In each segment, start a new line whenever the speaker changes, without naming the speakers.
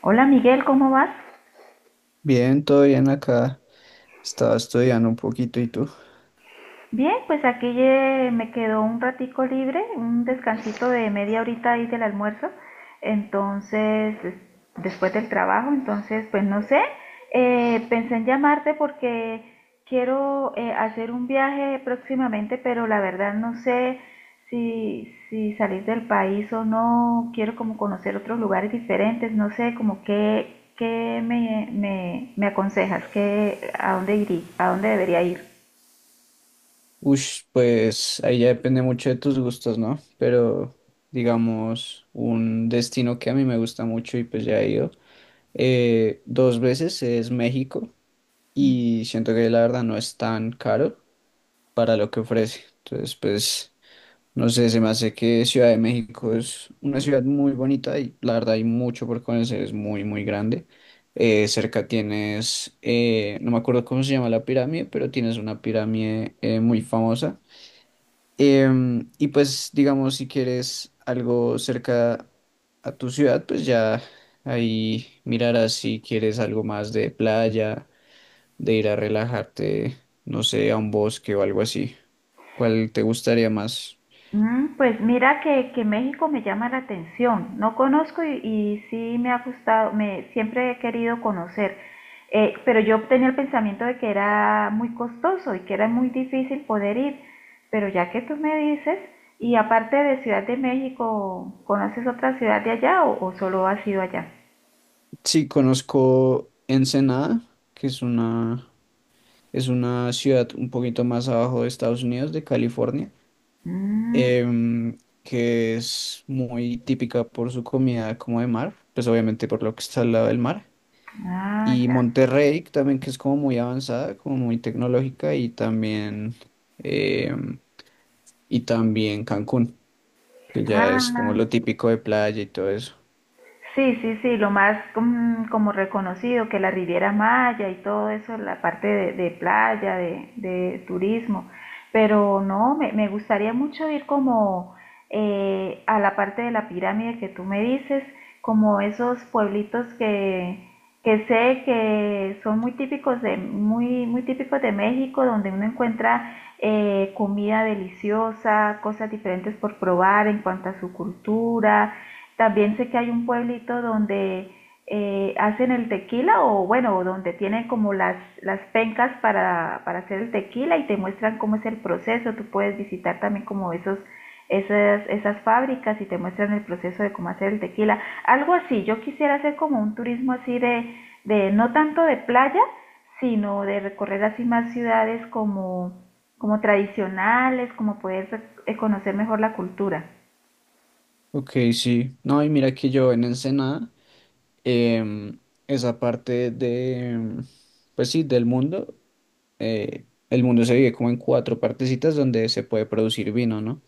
Hola Miguel, ¿cómo vas?
Bien, todo bien acá. Estaba estudiando un poquito, ¿y tú?
Bien, pues aquí me quedó un ratico libre, un descansito de media horita ahí del almuerzo, entonces, después del trabajo, entonces, pues no sé, pensé en llamarte porque quiero hacer un viaje próximamente, pero la verdad no sé si salir del país o no, quiero como conocer otros lugares diferentes, no sé, como qué, qué me aconsejas, qué, a dónde iría, a dónde debería ir.
Ush, pues ahí ya depende mucho de tus gustos, ¿no? Pero digamos, un destino que a mí me gusta mucho y pues ya he ido dos veces es México, y siento que la verdad no es tan caro para lo que ofrece. Entonces, pues no sé, se me hace que Ciudad de México es una ciudad muy bonita y la verdad hay mucho por conocer, es muy, muy grande. Cerca tienes, no me acuerdo cómo se llama la pirámide, pero tienes una pirámide muy famosa. Y pues, digamos, si quieres algo cerca a tu ciudad, pues ya ahí mirarás si quieres algo más de playa, de ir a relajarte, no sé, a un bosque o algo así. ¿Cuál te gustaría más?
Mm, pues mira que México me llama la atención. No conozco y sí me ha gustado, me siempre he querido conocer. Pero yo tenía el pensamiento de que era muy costoso y que era muy difícil poder ir. Pero ya que tú me dices, y aparte de Ciudad de México, ¿conoces otra ciudad de allá o solo has ido allá?
Sí, conozco Ensenada, que es una ciudad un poquito más abajo de Estados Unidos, de California,
Mm,
em, que es muy típica por su comida como de mar, pues obviamente por lo que está al lado del mar.
ah,
Y
ya.
Monterrey que también, que es como muy avanzada, como muy tecnológica, y también, em, y también Cancún, que ya es como
Ah,
lo típico de playa y todo eso.
sí, sí, sí, lo más como reconocido que la Riviera Maya y todo eso, la parte de playa, de turismo, pero no, me gustaría mucho ir como a la parte de la pirámide que tú me dices, como esos pueblitos que sé que son muy típicos de, muy, muy típicos de México, donde uno encuentra comida deliciosa, cosas diferentes por probar en cuanto a su cultura, también sé que hay un pueblito donde hacen el tequila o bueno, donde tienen como las pencas para hacer el tequila y te muestran cómo es el proceso. Tú puedes visitar también como esos esas fábricas y te muestran el proceso de cómo hacer el tequila. Algo así, yo quisiera hacer como un turismo así de no tanto de playa, sino de recorrer así más ciudades como, como tradicionales, como poder conocer mejor la cultura.
Ok, sí. No, y mira que yo en Ensenada, em, esa parte de, pues sí, del mundo, el mundo se divide como en cuatro partecitas donde se puede producir vino, ¿no?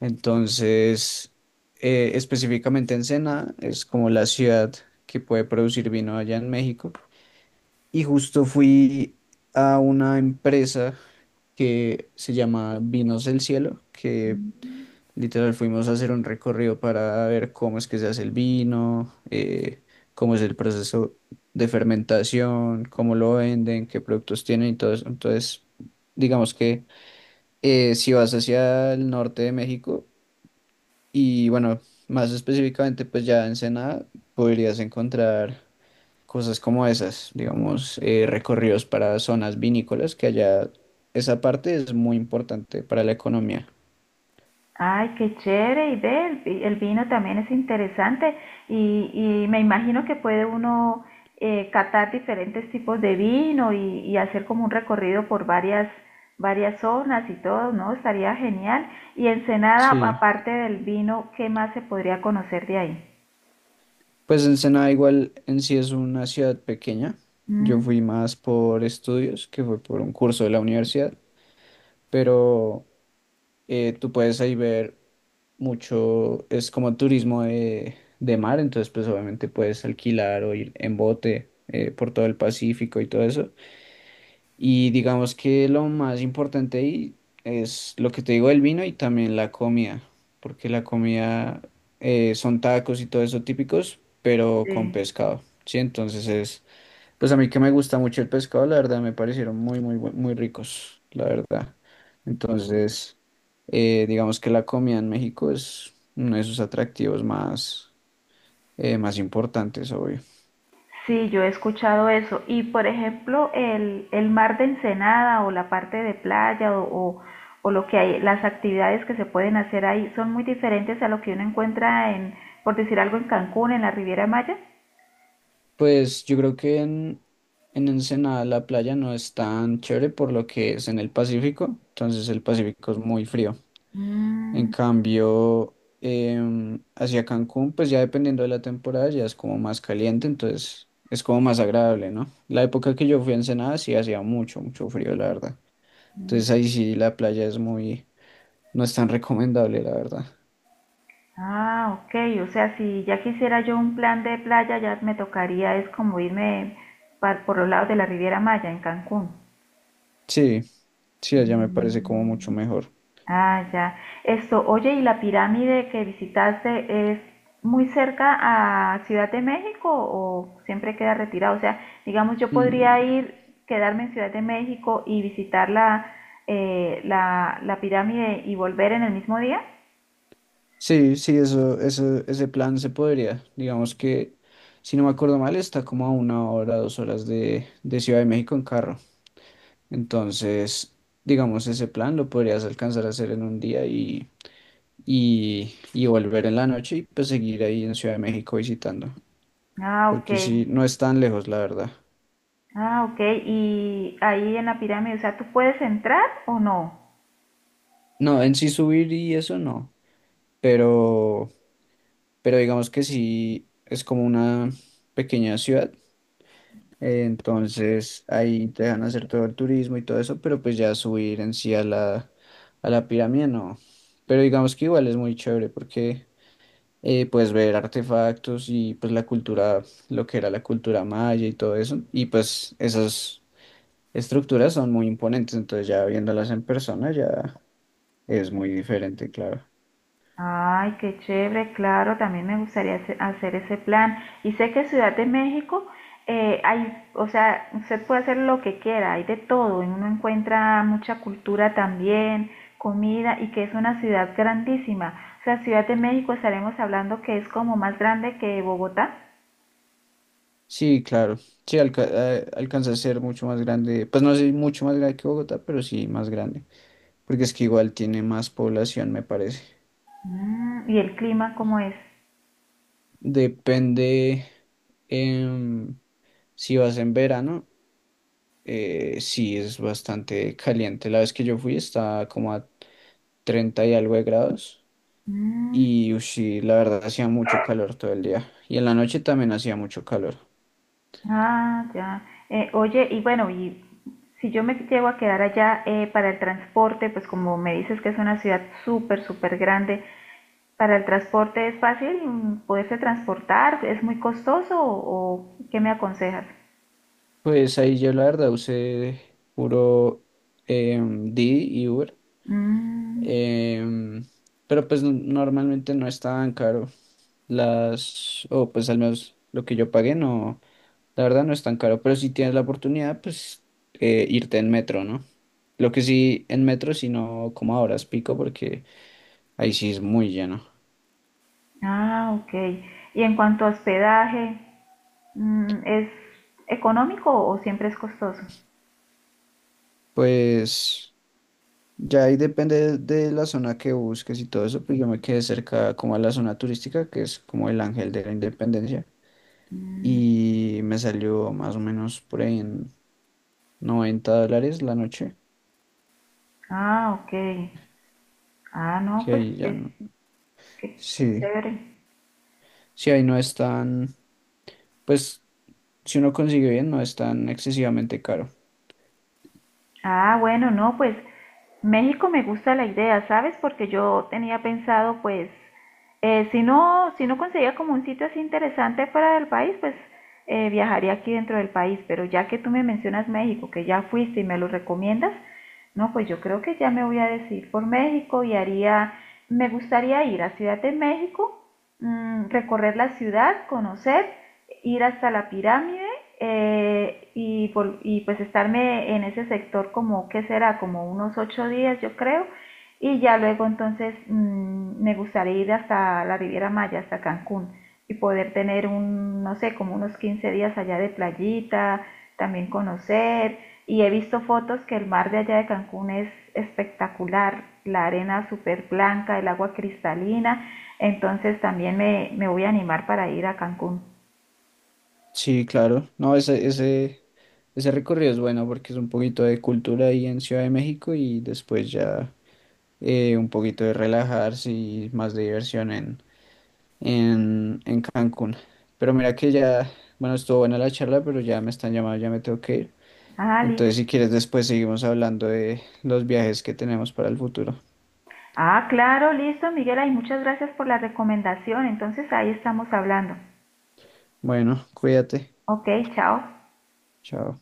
Entonces, específicamente Ensenada es como la ciudad que puede producir vino allá en México. Y justo fui a una empresa que se llama Vinos del Cielo, que literal, fuimos a hacer un recorrido para ver cómo es que se hace el vino, cómo es el proceso de fermentación, cómo lo venden, qué productos tienen y todo eso. Entonces, digamos que si vas hacia el norte de México y bueno, más específicamente pues ya en Ensenada, podrías encontrar cosas como esas, digamos, recorridos para zonas vinícolas, que allá esa parte es muy importante para la economía.
Ay, qué chévere, y ve, el vino también es interesante y, y me imagino que puede uno catar diferentes tipos de vino y hacer como un recorrido por varias, varias zonas y todo, ¿no? Estaría genial. Y Ensenada,
Sí.
aparte del vino, ¿qué más se podría conocer de ahí?
Pues Ensenada igual en sí es una ciudad pequeña. Yo
Mm,
fui más por estudios, que fue por un curso de la universidad, pero tú puedes ahí ver mucho, es como turismo de, mar, entonces pues obviamente puedes alquilar o ir en bote por todo el Pacífico y todo eso. Y digamos que lo más importante ahí es lo que te digo del vino y también la comida, porque la comida son tacos y todo eso típicos, pero con
sí.
pescado, ¿sí? Entonces es, pues a mí que me gusta mucho el pescado, la verdad me parecieron muy, muy, muy ricos, la verdad. Entonces, digamos que la comida en México es uno de sus atractivos más importantes, obvio.
Sí, yo he escuchado eso. Y por ejemplo, el mar de Ensenada o la parte de playa o lo que hay, las actividades que se pueden hacer ahí son muy diferentes a lo que uno encuentra en, por decir algo, en Cancún, en la Riviera Maya.
Pues yo creo que en Ensenada la playa no es tan chévere por lo que es en el Pacífico, entonces el Pacífico es muy frío. En
Mm,
cambio, hacia Cancún, pues ya dependiendo de la temporada, ya es como más caliente, entonces es como más agradable, ¿no? La época que yo fui a Ensenada sí hacía mucho, mucho frío, la verdad.
mm.
Entonces ahí sí la playa es muy, no es tan recomendable, la verdad.
Ah, ok. O sea, si ya quisiera yo un plan de playa, ya me tocaría es como irme por los lados de la Riviera Maya, en Cancún.
Sí, sí, allá me parece como mucho
Mm.
mejor.
Ah, ya. Esto, oye, ¿y la pirámide que visitaste es muy cerca a Ciudad de México o siempre queda retirado? O sea, digamos, yo podría
Mm.
ir, quedarme en Ciudad de México y visitar la pirámide y volver en el mismo día.
Sí, sí, eso, ese plan se podría. Digamos que, si no me acuerdo mal, está como a una hora, 2 horas de, Ciudad de México en carro. Entonces, digamos, ese plan lo podrías alcanzar a hacer en un día y volver en la noche y pues seguir ahí en Ciudad de México visitando.
Ah, ok.
Porque sí, no es tan lejos, la verdad.
Ah, ok. Y ahí en la pirámide, o sea, ¿tú puedes entrar o no?
No, en sí subir y eso no. Pero, pero digamos que sí, es como una pequeña ciudad. Entonces ahí te dejan hacer todo el turismo y todo eso, pero pues ya subir en sí a la pirámide no. Pero digamos que igual es muy chévere porque puedes ver artefactos y pues la cultura, lo que era la cultura maya y todo eso. Y pues esas estructuras son muy imponentes, entonces ya viéndolas en persona ya es muy diferente, claro.
Ay, qué chévere, claro, también me gustaría hacer ese plan. Y sé que Ciudad de México, hay, o sea, usted puede hacer lo que quiera, hay de todo, y uno encuentra mucha cultura también, comida, y que es una ciudad grandísima. O sea, Ciudad de México estaremos hablando que es como más grande que Bogotá.
Sí, claro. Sí, alcanza a ser mucho más grande. Pues no sé, mucho más grande que Bogotá, pero sí más grande, porque es que igual tiene más población, me parece.
Mm, ¿y el clima cómo es?
Depende, em, si vas en verano, sí es bastante caliente. La vez que yo fui estaba como a 30 y algo de grados
Mm.
y ush, sí, la verdad hacía mucho calor todo el día y en la noche también hacía mucho calor.
Ah, ya. Oye, y bueno, y si yo me llego a quedar allá para el transporte, pues como me dices que es una ciudad súper, súper grande, ¿para el transporte es fácil mm, poderse transportar? ¿Es muy costoso o qué me aconsejas?
Pues ahí yo la verdad usé puro Didi y Uber,
Mm,
em, pero pues normalmente no es tan caro. Las, o pues al menos lo que yo pagué, no, la verdad no es tan caro, pero si tienes la oportunidad, pues irte en metro, ¿no? Lo que sí, en metro, sino como ahora es pico, porque ahí sí es muy lleno.
ah, ok. Y en cuanto a hospedaje, mm, ¿es económico o siempre es costoso?
Pues ya ahí depende de, la zona que busques y todo eso, pues yo me quedé cerca como a la zona turística, que es como el Ángel de la Independencia,
Mm,
y me salió más o menos por ahí en $90 la noche,
ah, ok. Ah, no,
que
pues
ahí ya
es,
no.
qué, qué
Sí.
chévere.
Sí, ahí no están. Pues si uno consigue bien, no es tan excesivamente caro.
Ah, bueno, no, pues México me gusta la idea, ¿sabes? Porque yo tenía pensado, pues, si no, si no conseguía como un sitio así interesante fuera del país, pues viajaría aquí dentro del país. Pero ya que tú me mencionas México, que ya fuiste y me lo recomiendas, no, pues yo creo que ya me voy a decidir por México y haría, me gustaría ir a Ciudad de México, mm, recorrer la ciudad, conocer, ir hasta la pirámide y pues estarme en ese sector como, ¿qué será? Como unos 8 días, yo creo. Y ya luego entonces mm, me gustaría ir hasta la Riviera Maya, hasta Cancún, y poder tener un, no sé, como unos 15 días allá de playita, también conocer. Y he visto fotos que el mar de allá de Cancún es espectacular, la arena súper blanca, el agua cristalina. Entonces también me voy a animar para ir a Cancún.
Sí, claro. No, ese recorrido es bueno porque es un poquito de cultura ahí en Ciudad de México y después ya un poquito de relajarse y más de diversión en, en Cancún. Pero mira que ya, bueno, estuvo buena la charla, pero ya me están llamando, ya me tengo que ir.
Ah,
Entonces,
listo.
si quieres, después seguimos hablando de los viajes que tenemos para el futuro.
Ah, claro, listo, Miguel. Ay, muchas gracias por la recomendación. Entonces ahí estamos hablando.
Bueno, cuídate.
Ok, chao.
Chao.